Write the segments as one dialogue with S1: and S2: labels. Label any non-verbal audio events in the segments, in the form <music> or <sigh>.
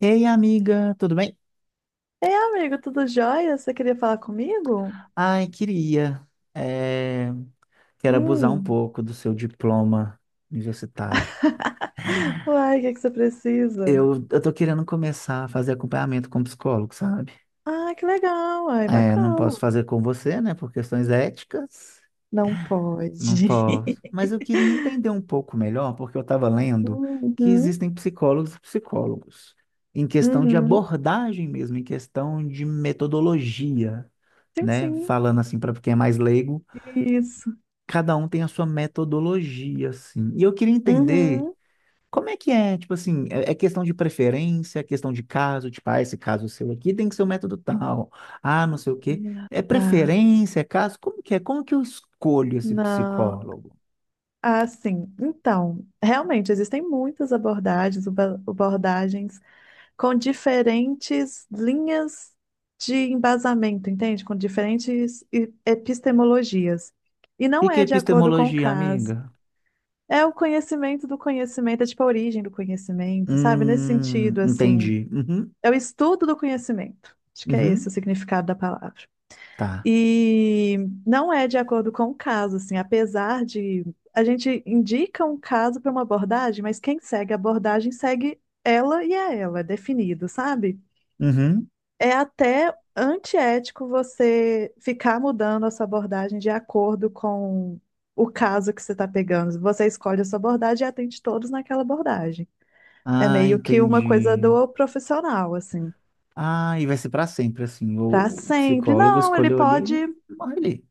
S1: Ei, amiga, tudo bem?
S2: Ei, amigo, tudo jóia? Você queria falar comigo?
S1: Ai, queria. eh, Quero abusar um
S2: Hum.
S1: pouco do seu diploma universitário.
S2: <laughs> Uai, o que que você precisa?
S1: Eu tô querendo começar a fazer acompanhamento com psicólogo, sabe?
S2: Ah, que legal, uai,
S1: É, não
S2: bacana.
S1: posso fazer com você, né, por questões éticas.
S2: Não pode.
S1: Não posso. Mas eu queria
S2: <laughs>
S1: entender um pouco melhor, porque eu estava lendo que
S2: Uhum,
S1: existem psicólogos e psicólogos, em questão de
S2: uhum.
S1: abordagem mesmo, em questão de metodologia,
S2: Sim,
S1: né?
S2: sim.
S1: Falando assim para quem é mais leigo.
S2: Isso.
S1: Cada um tem a sua metodologia, assim. E eu queria entender
S2: Uhum.
S1: como é que é, tipo assim, é questão de preferência, é questão de caso, tipo, ah, esse caso seu aqui tem que ser o método tal, ah, não sei o quê.
S2: Ah,
S1: É
S2: tá.
S1: preferência, é caso? Como que é? Como que eu escolho esse
S2: Não.
S1: psicólogo?
S2: Ah, sim. Então, realmente, existem muitas abordagens, abordagens com diferentes linhas de embasamento, entende? Com diferentes epistemologias. E
S1: E
S2: não
S1: que é
S2: é de acordo com o
S1: epistemologia,
S2: caso.
S1: amiga?
S2: É o conhecimento do conhecimento, é tipo a origem do conhecimento, sabe? Nesse sentido, assim,
S1: Entendi. Uhum,
S2: é o estudo do conhecimento. Acho que é esse
S1: uhum,
S2: o significado da palavra.
S1: tá.
S2: E não é de acordo com o caso, assim, apesar de a gente indica um caso para uma abordagem, mas quem segue a abordagem segue ela e é ela, é definido, sabe?
S1: Uhum.
S2: É até antiético você ficar mudando a sua abordagem de acordo com o caso que você está pegando. Você escolhe a sua abordagem e atende todos naquela abordagem. É
S1: Ah,
S2: meio que uma coisa
S1: entendi.
S2: do profissional, assim,
S1: Ah, e vai ser para sempre, assim.
S2: para
S1: O
S2: sempre.
S1: psicólogo
S2: Não,
S1: escolheu ali, ele morre ali.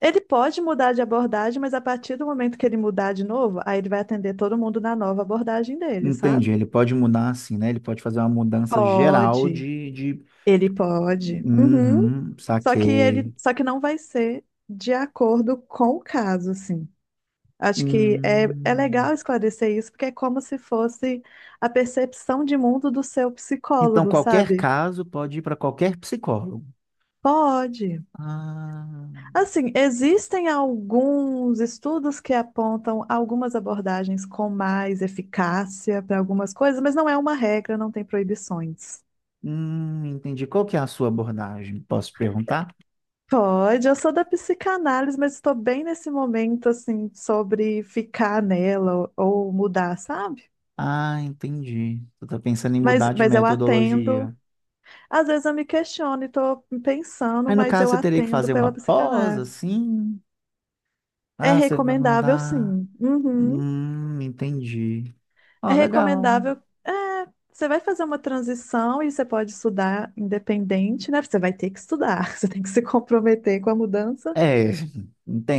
S2: ele pode mudar de abordagem, mas a partir do momento que ele mudar de novo, aí ele vai atender todo mundo na nova abordagem dele,
S1: Entendi,
S2: sabe?
S1: ele pode mudar assim, né? Ele pode fazer uma mudança geral
S2: Pode.
S1: de...
S2: Ele pode. Uhum.
S1: Uhum,
S2: Só que ele,
S1: saquei.
S2: só que não vai ser de acordo com o caso, assim. Acho que é, é legal
S1: Hum.
S2: esclarecer isso, porque é como se fosse a percepção de mundo do seu
S1: Então,
S2: psicólogo,
S1: qualquer
S2: sabe?
S1: caso pode ir para qualquer psicólogo.
S2: Pode.
S1: Ah,
S2: Assim, existem alguns estudos que apontam algumas abordagens com mais eficácia para algumas coisas, mas não é uma regra, não tem proibições.
S1: entendi. Qual que é a sua abordagem? Posso perguntar?
S2: Pode, eu sou da psicanálise, mas estou bem nesse momento, assim, sobre ficar nela ou mudar, sabe?
S1: Ah, entendi. Você está pensando em
S2: Mas,
S1: mudar de
S2: mas eu atendo.
S1: metodologia.
S2: Às vezes eu me questiono e estou pensando,
S1: Aí, no
S2: mas
S1: caso,
S2: eu
S1: você teria que
S2: atendo
S1: fazer
S2: pela
S1: uma pós,
S2: psicanálise.
S1: assim?
S2: É
S1: Ah, você vai
S2: recomendável,
S1: mudar.
S2: sim. Uhum.
S1: Entendi.
S2: É
S1: Ó, legal.
S2: recomendável. Você vai fazer uma transição e você pode estudar independente, né? Você vai ter que estudar, <laughs> você tem que se comprometer com a mudança.
S1: É,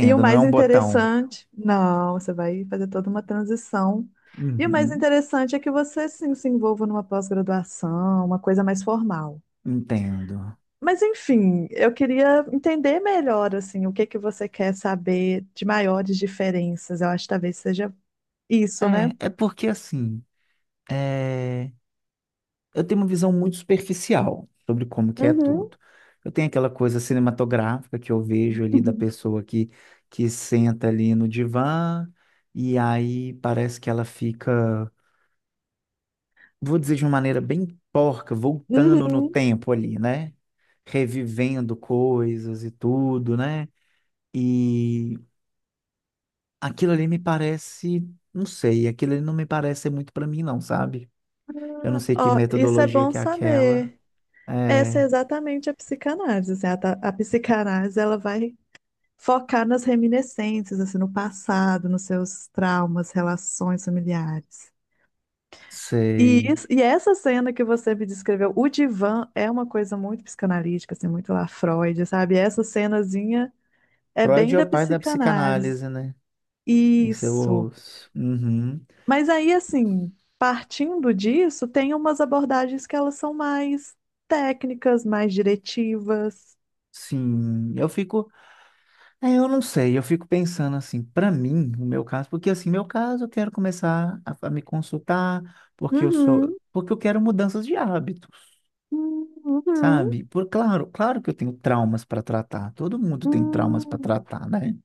S2: E o
S1: não é
S2: mais
S1: um botão.
S2: interessante, não, você vai fazer toda uma transição. E o mais
S1: Uhum,
S2: interessante é que você sim se envolva numa pós-graduação, uma coisa mais formal.
S1: entendo.
S2: Mas enfim, eu queria entender melhor assim, o que que você quer saber de maiores diferenças. Eu acho que talvez seja isso, né?
S1: É, é porque assim, é, eu tenho uma visão muito superficial sobre como que é
S2: Uhum.
S1: tudo. Eu tenho aquela coisa cinematográfica que eu vejo ali da
S2: <laughs>
S1: pessoa que senta ali no divã e aí parece que ela fica, vou dizer de uma maneira bem porca, voltando no
S2: Uhum.
S1: tempo ali, né? Revivendo coisas e tudo, né? Aquilo ali me parece, não sei, aquilo ali não me parece ser muito para mim, não, sabe? Eu não sei que
S2: Ó, isso é
S1: metodologia
S2: bom
S1: que é aquela.
S2: saber. Essa é
S1: É,
S2: exatamente a psicanálise. Assim, a psicanálise ela vai focar nas reminiscências, assim, no passado, nos seus traumas, relações familiares. E,
S1: sei.
S2: isso, e essa cena que você me descreveu, o divã é uma coisa muito psicanalítica, assim, muito lá Freud, sabe? Essa cenazinha é
S1: Freud
S2: bem
S1: é
S2: da
S1: o pai da
S2: psicanálise.
S1: psicanálise, né? Isso eu
S2: Isso.
S1: ouço. Uhum.
S2: Mas aí, assim, partindo disso, tem umas abordagens que elas são mais técnicas, mais diretivas.
S1: Sim, eu fico. É, eu não sei, eu fico pensando assim, para mim, o meu caso, porque assim, meu caso, eu quero começar a me consultar, porque eu sou.
S2: Uhum,
S1: Porque eu quero mudanças de hábitos,
S2: uhum,
S1: sabe? Por claro, claro que eu tenho traumas para tratar. Todo mundo tem traumas para
S2: uhum,
S1: tratar, né?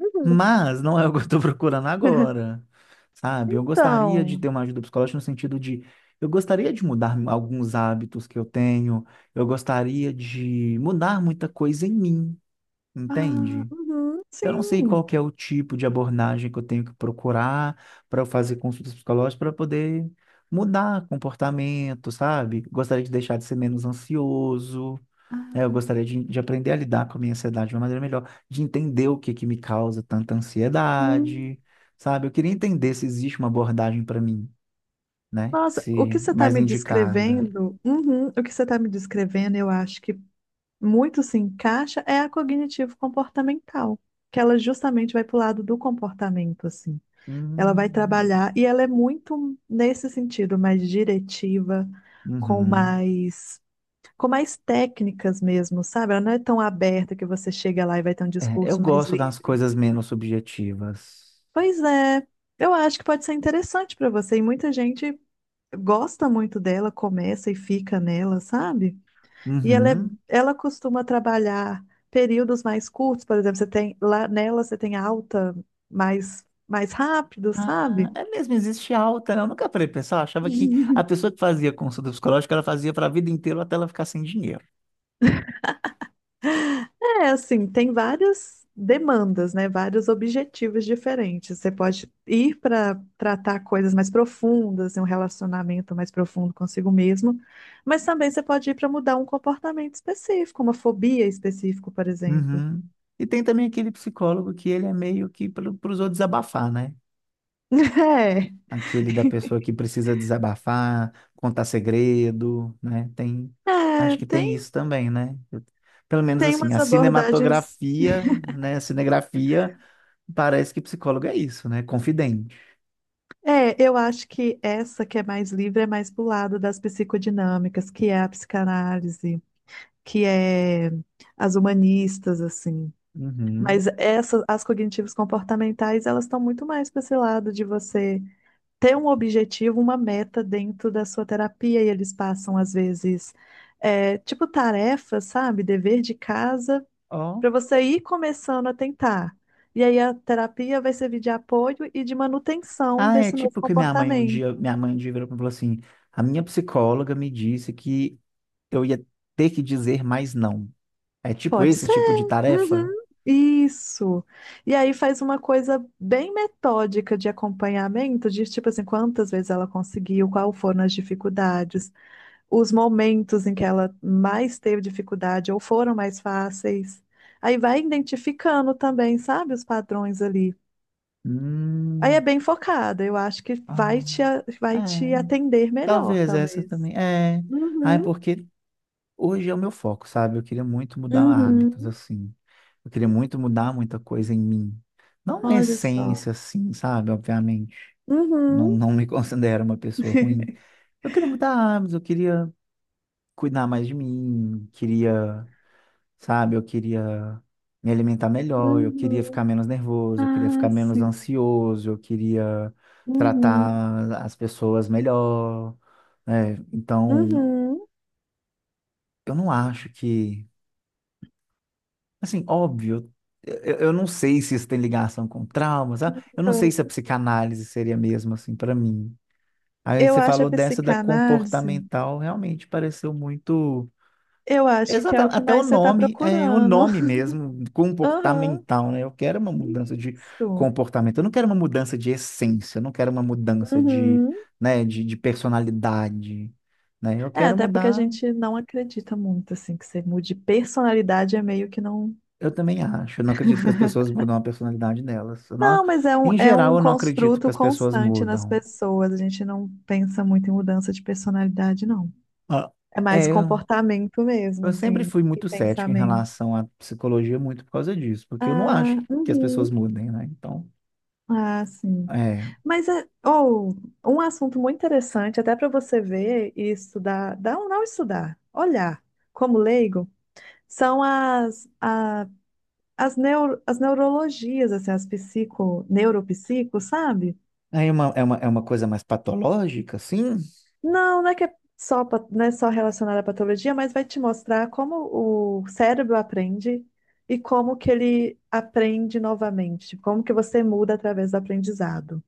S2: uhum.
S1: Mas não é o que eu estou procurando
S2: <laughs>
S1: agora, sabe? Eu gostaria de
S2: Então,
S1: ter uma ajuda psicológica no sentido de eu gostaria de mudar alguns hábitos que eu tenho, eu gostaria de mudar muita coisa em mim,
S2: ah,
S1: entende?
S2: uhum,
S1: Eu não sei
S2: sim.
S1: qual que é o tipo de abordagem que eu tenho que procurar para eu fazer consultas psicológicas para poder mudar comportamento, sabe? Gostaria de deixar de ser menos ansioso, né? Eu
S2: Ah,
S1: gostaria de aprender a lidar com a minha ansiedade de uma maneira melhor, de entender o que que me causa tanta
S2: hum.
S1: ansiedade, sabe? Eu queria entender se existe uma abordagem para mim, né?
S2: Nossa, o que
S1: Se
S2: você está
S1: mais
S2: me
S1: indicada.
S2: descrevendo, uhum, o que você está me descrevendo, eu acho que muito se encaixa é a cognitivo-comportamental, que ela justamente vai para o lado do comportamento, assim. Ela vai
S1: Hum,
S2: trabalhar e ela é muito nesse sentido, mais diretiva, com
S1: uhum.
S2: mais, com mais técnicas mesmo, sabe? Ela não é tão aberta que você chega lá e vai ter um
S1: É, eu
S2: discurso mais
S1: gosto das
S2: livre.
S1: coisas menos subjetivas.
S2: Pois é, eu acho que pode ser interessante para você. E muita gente gosta muito dela, começa e fica nela, sabe? E ela, é,
S1: Uhum.
S2: ela costuma trabalhar períodos mais curtos, por exemplo, você tem lá nela você tem alta mais rápido,
S1: Ah,
S2: sabe?
S1: é mesmo, existe alta, né? Eu nunca parei pra pensar, eu achava que a
S2: <laughs>
S1: pessoa que fazia consulta psicológica, ela fazia para a vida inteira até ela ficar sem dinheiro.
S2: É assim, tem várias demandas, né? Vários objetivos diferentes. Você pode ir para tratar coisas mais profundas, um relacionamento mais profundo consigo mesmo, mas também você pode ir para mudar um comportamento específico, uma fobia específica, por exemplo. <laughs>
S1: Uhum. E tem também aquele psicólogo que ele é meio que para os outros desabafar, né?
S2: É,
S1: Aquele da pessoa que precisa desabafar, contar segredo, né? Tem,
S2: é,
S1: acho que tem
S2: tem,
S1: isso também, né? Eu- pelo menos
S2: tem
S1: assim,
S2: umas
S1: a
S2: abordagens.
S1: cinematografia, né? A cinegrafia parece que psicólogo é isso, né? Confidente.
S2: É, eu acho que essa que é mais livre é mais pro lado das psicodinâmicas, que é a psicanálise, que é as humanistas, assim.
S1: Uhum.
S2: Mas essas, as cognitivas comportamentais, elas estão muito mais para esse lado de você ter um objetivo, uma meta dentro da sua terapia, e eles passam, às vezes, é, tipo tarefa, sabe? Dever de casa,
S1: Ó.
S2: para você ir começando a tentar. E aí a terapia vai servir de apoio e de manutenção
S1: Ah, é
S2: desse novo
S1: tipo que minha mãe um dia,
S2: comportamento.
S1: minha mãe um dia virou para mim e falou assim: a minha psicóloga me disse que eu ia ter que dizer mais não. É tipo
S2: Pode.
S1: esse tipo de tarefa?
S2: Uhum, isso. E aí faz uma coisa bem metódica de acompanhamento, de tipo assim, quantas vezes ela conseguiu, qual foram as dificuldades, os momentos em que ela mais teve dificuldade ou foram mais fáceis. Aí vai identificando também, sabe, os padrões ali. Aí é
S1: Hum,
S2: bem focada, eu acho que vai
S1: ah,
S2: te,
S1: é,
S2: vai te atender melhor,
S1: talvez essa
S2: talvez.
S1: também. É, ah, é
S2: Uhum,
S1: porque hoje é o meu foco, sabe? Eu queria muito mudar hábitos,
S2: uhum.
S1: assim. Eu queria muito mudar muita coisa em mim. Não uma
S2: Olha só.
S1: essência, assim, sabe? Obviamente. Não,
S2: Uhum.
S1: não me <laughs> considero uma pessoa ruim.
S2: <laughs>
S1: Eu queria mudar hábitos, eu queria cuidar mais de mim, queria, sabe? Eu queria me alimentar melhor, eu queria
S2: Uhum.
S1: ficar menos nervoso, eu queria
S2: Ah,
S1: ficar menos
S2: sim.
S1: ansioso, eu queria
S2: Uhum,
S1: tratar as pessoas melhor, né? Então,
S2: uhum.
S1: eu não acho que, assim, óbvio, eu não sei se isso tem ligação com traumas, sabe? Eu não sei
S2: Então,
S1: se a psicanálise seria mesmo assim para mim. Aí
S2: eu
S1: você
S2: acho a
S1: falou dessa da
S2: psicanálise,
S1: comportamental, realmente pareceu muito.
S2: eu acho que é o
S1: Exatamente,
S2: que
S1: até o
S2: mais você está
S1: nome, é o
S2: procurando.
S1: nome
S2: <laughs>
S1: mesmo,
S2: Aham,
S1: comportamental, né? Eu quero uma mudança de
S2: isso.
S1: comportamento, eu não quero uma mudança de essência, eu não quero uma mudança
S2: Uhum.
S1: né, de personalidade, né? Eu
S2: É,
S1: quero
S2: até porque a
S1: mudar,
S2: gente não acredita muito, assim, que você mude personalidade, é meio que não.
S1: eu também acho, eu não acredito que as pessoas mudam a personalidade delas. Eu não-
S2: Não, mas
S1: em
S2: é
S1: geral,
S2: um
S1: eu não acredito que
S2: construto
S1: as pessoas
S2: constante nas
S1: mudam.
S2: pessoas. A gente não pensa muito em mudança de personalidade, não.
S1: Ah,
S2: É mais
S1: é,
S2: comportamento mesmo,
S1: eu sempre
S2: assim,
S1: fui
S2: e
S1: muito cético em
S2: pensamento.
S1: relação à psicologia, muito por causa disso, porque eu não
S2: Ah,
S1: acho que as pessoas
S2: uhum.
S1: mudem, né? Então,
S2: Ah, sim.
S1: é.
S2: Mas é ou um assunto muito interessante, até para você ver e estudar, dá ou não estudar, olhar como leigo, são as, as, neuro, as neurologias, assim, as psico, neuropsico, sabe?
S1: Aí é uma, é uma coisa mais patológica, assim?
S2: Não, não é que é só, não é só relacionada à patologia, mas vai te mostrar como o cérebro aprende e como que ele aprende novamente, como que você muda através do aprendizado.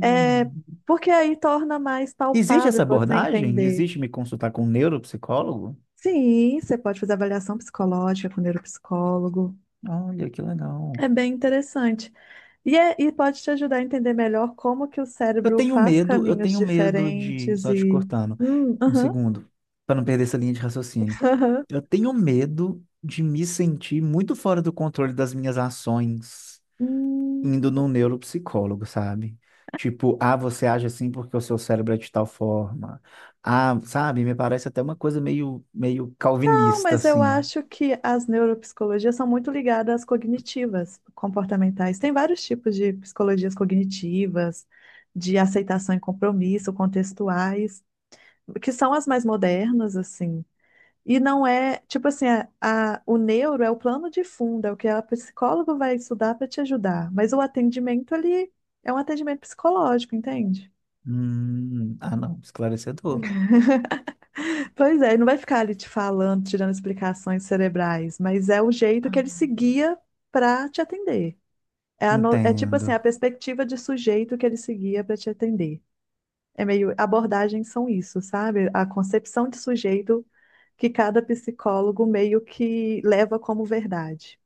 S2: É, porque aí torna mais
S1: Existe essa
S2: palpável você
S1: abordagem?
S2: entender.
S1: Existe me consultar com um neuropsicólogo?
S2: Sim, você pode fazer avaliação psicológica com neuropsicólogo.
S1: Olha, que legal.
S2: É bem interessante. E, e pode te ajudar a entender melhor como que o cérebro faz
S1: Eu
S2: caminhos
S1: tenho medo de.
S2: diferentes
S1: Só te
S2: e...
S1: cortando, um
S2: Aham,
S1: segundo, para não perder essa linha de raciocínio.
S2: <laughs> aham.
S1: Eu tenho medo de me sentir muito fora do controle das minhas ações
S2: Hum,
S1: indo num neuropsicólogo, sabe? Tipo, ah, você age assim porque o seu cérebro é de tal forma. Ah, sabe? Me parece até uma coisa meio, meio
S2: não,
S1: calvinista,
S2: mas eu
S1: assim.
S2: acho que as neuropsicologias são muito ligadas às cognitivas, comportamentais. Tem vários tipos de psicologias cognitivas, de aceitação e compromisso, contextuais, que são as mais modernas, assim. E não é, tipo assim, a, o neuro é o plano de fundo, é o que a psicóloga vai estudar para te ajudar. Mas o atendimento ali é um atendimento psicológico, entende?
S1: Ah, não,
S2: Uhum.
S1: esclarecedor.
S2: <laughs> Pois é, ele não vai ficar ali te falando, tirando explicações cerebrais, mas é o jeito
S1: Ah,
S2: que ele seguia para te atender. É, a é tipo
S1: entendo,
S2: assim, a perspectiva de sujeito que ele seguia para te atender. É meio, abordagens são isso, sabe? A concepção de sujeito que cada psicólogo meio que leva como verdade.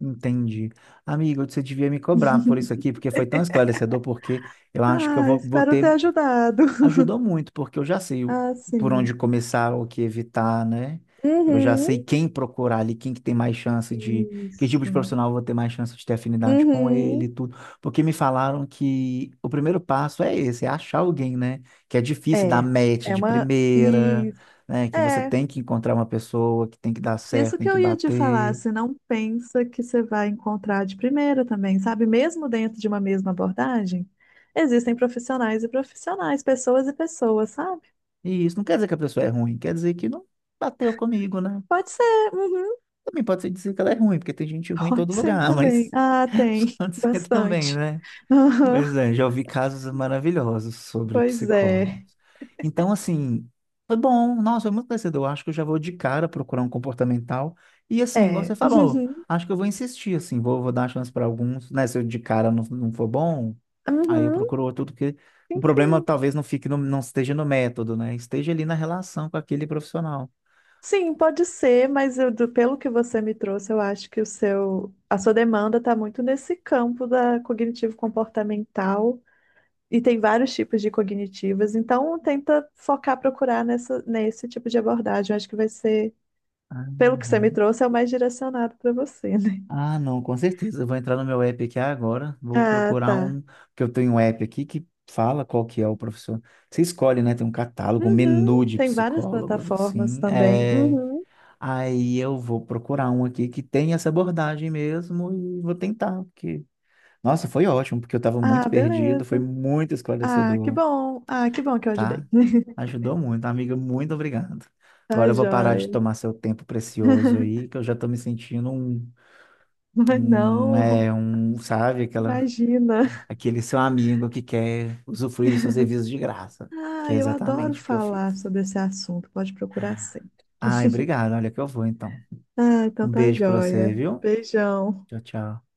S1: entendi. Amigo, você devia me cobrar por isso aqui,
S2: <laughs>
S1: porque foi tão esclarecedor, porque eu acho que eu
S2: Ah,
S1: vou
S2: espero ter
S1: ter
S2: ajudado. <laughs>
S1: ajudou muito, porque eu já sei o-
S2: Ah,
S1: por onde
S2: sim.
S1: começar, o que evitar, né? Eu já
S2: Uhum,
S1: sei quem procurar ali, quem que tem mais chance de... Que tipo de
S2: isso.
S1: profissional eu vou ter mais chance de ter afinidade com ele e
S2: Uhum.
S1: tudo. Porque me falaram que o primeiro passo é esse, é achar alguém, né? Que é difícil dar
S2: É,
S1: match
S2: é
S1: de
S2: uma. E,
S1: primeira, né? Que você
S2: é,
S1: tem que encontrar uma pessoa, que tem que dar certo,
S2: isso
S1: tem
S2: que
S1: que
S2: eu ia te falar.
S1: bater.
S2: Você não pensa que você vai encontrar de primeira também, sabe? Mesmo dentro de uma mesma abordagem, existem profissionais e profissionais, pessoas e pessoas, sabe?
S1: E isso não quer dizer que a pessoa é ruim, quer dizer que não bateu comigo, né?
S2: Pode ser, uhum,
S1: Também pode ser dizer que ela é ruim, porque tem gente
S2: <laughs>
S1: ruim em
S2: pode
S1: todo
S2: ser
S1: lugar, <laughs>
S2: também.
S1: mas...
S2: Ah,
S1: <laughs>
S2: tem,
S1: Pode ser também,
S2: bastante.
S1: né?
S2: <laughs> Aham,
S1: Pois é, já ouvi casos maravilhosos sobre
S2: pois
S1: psicólogos.
S2: é.
S1: Então, assim, foi bom, nossa, foi muito conhecedor. Acho que eu já vou de cara procurar um comportamental. E assim, igual
S2: É.
S1: você falou,
S2: <laughs>
S1: acho que eu vou insistir, assim, vou dar chance para alguns, né? Se eu de cara não for bom,
S2: Uhum,
S1: aí eu
S2: uhum.
S1: procuro outro, porque o
S2: Sim,
S1: problema
S2: sim.
S1: talvez não fique no, não esteja no método, né? Esteja ali na relação com aquele profissional.
S2: Sim, pode ser, mas eu, pelo que você me trouxe, eu acho que o seu, a sua demanda está muito nesse campo da cognitivo-comportamental e tem vários tipos de cognitivas, então tenta focar, procurar nessa, nesse tipo de abordagem. Eu acho que vai ser, pelo que você me
S1: Aham.
S2: trouxe, é o mais direcionado para você, né? <laughs>
S1: Ah, não, com certeza. Eu vou entrar no meu app aqui agora. Vou
S2: Ah,
S1: procurar
S2: tá.
S1: um. Porque eu tenho um app aqui que fala qual que é o professor. Você escolhe, né? Tem um catálogo, um
S2: Uhum.
S1: menu de
S2: Tem várias
S1: psicólogos,
S2: plataformas
S1: assim.
S2: também.
S1: É...
S2: Uhum.
S1: aí eu vou procurar um aqui que tem essa abordagem mesmo e vou tentar. Porque... nossa, foi ótimo, porque eu estava muito
S2: Ah,
S1: perdido. Foi
S2: beleza.
S1: muito
S2: Ah, que
S1: esclarecedor,
S2: bom. Ah, que bom que eu
S1: tá?
S2: ajudei. <laughs>
S1: Ajudou muito. Amiga, muito obrigado. Agora
S2: Tá
S1: eu vou parar de
S2: joia.
S1: tomar seu tempo precioso aí, que eu já estou me sentindo um.
S2: Mas
S1: Um,
S2: não.
S1: é um, sabe, aquela,
S2: Imagina.
S1: aquele seu amigo que quer usufruir dos seus serviços de graça, que
S2: Ah,
S1: é
S2: eu adoro
S1: exatamente o que eu fiz.
S2: falar sobre esse assunto. Pode procurar sempre.
S1: Ai,
S2: <laughs>
S1: obrigado, olha que eu vou então.
S2: Ah, então
S1: Um
S2: tá
S1: beijo pra você,
S2: joia.
S1: viu?
S2: Beijão.
S1: Tchau, tchau.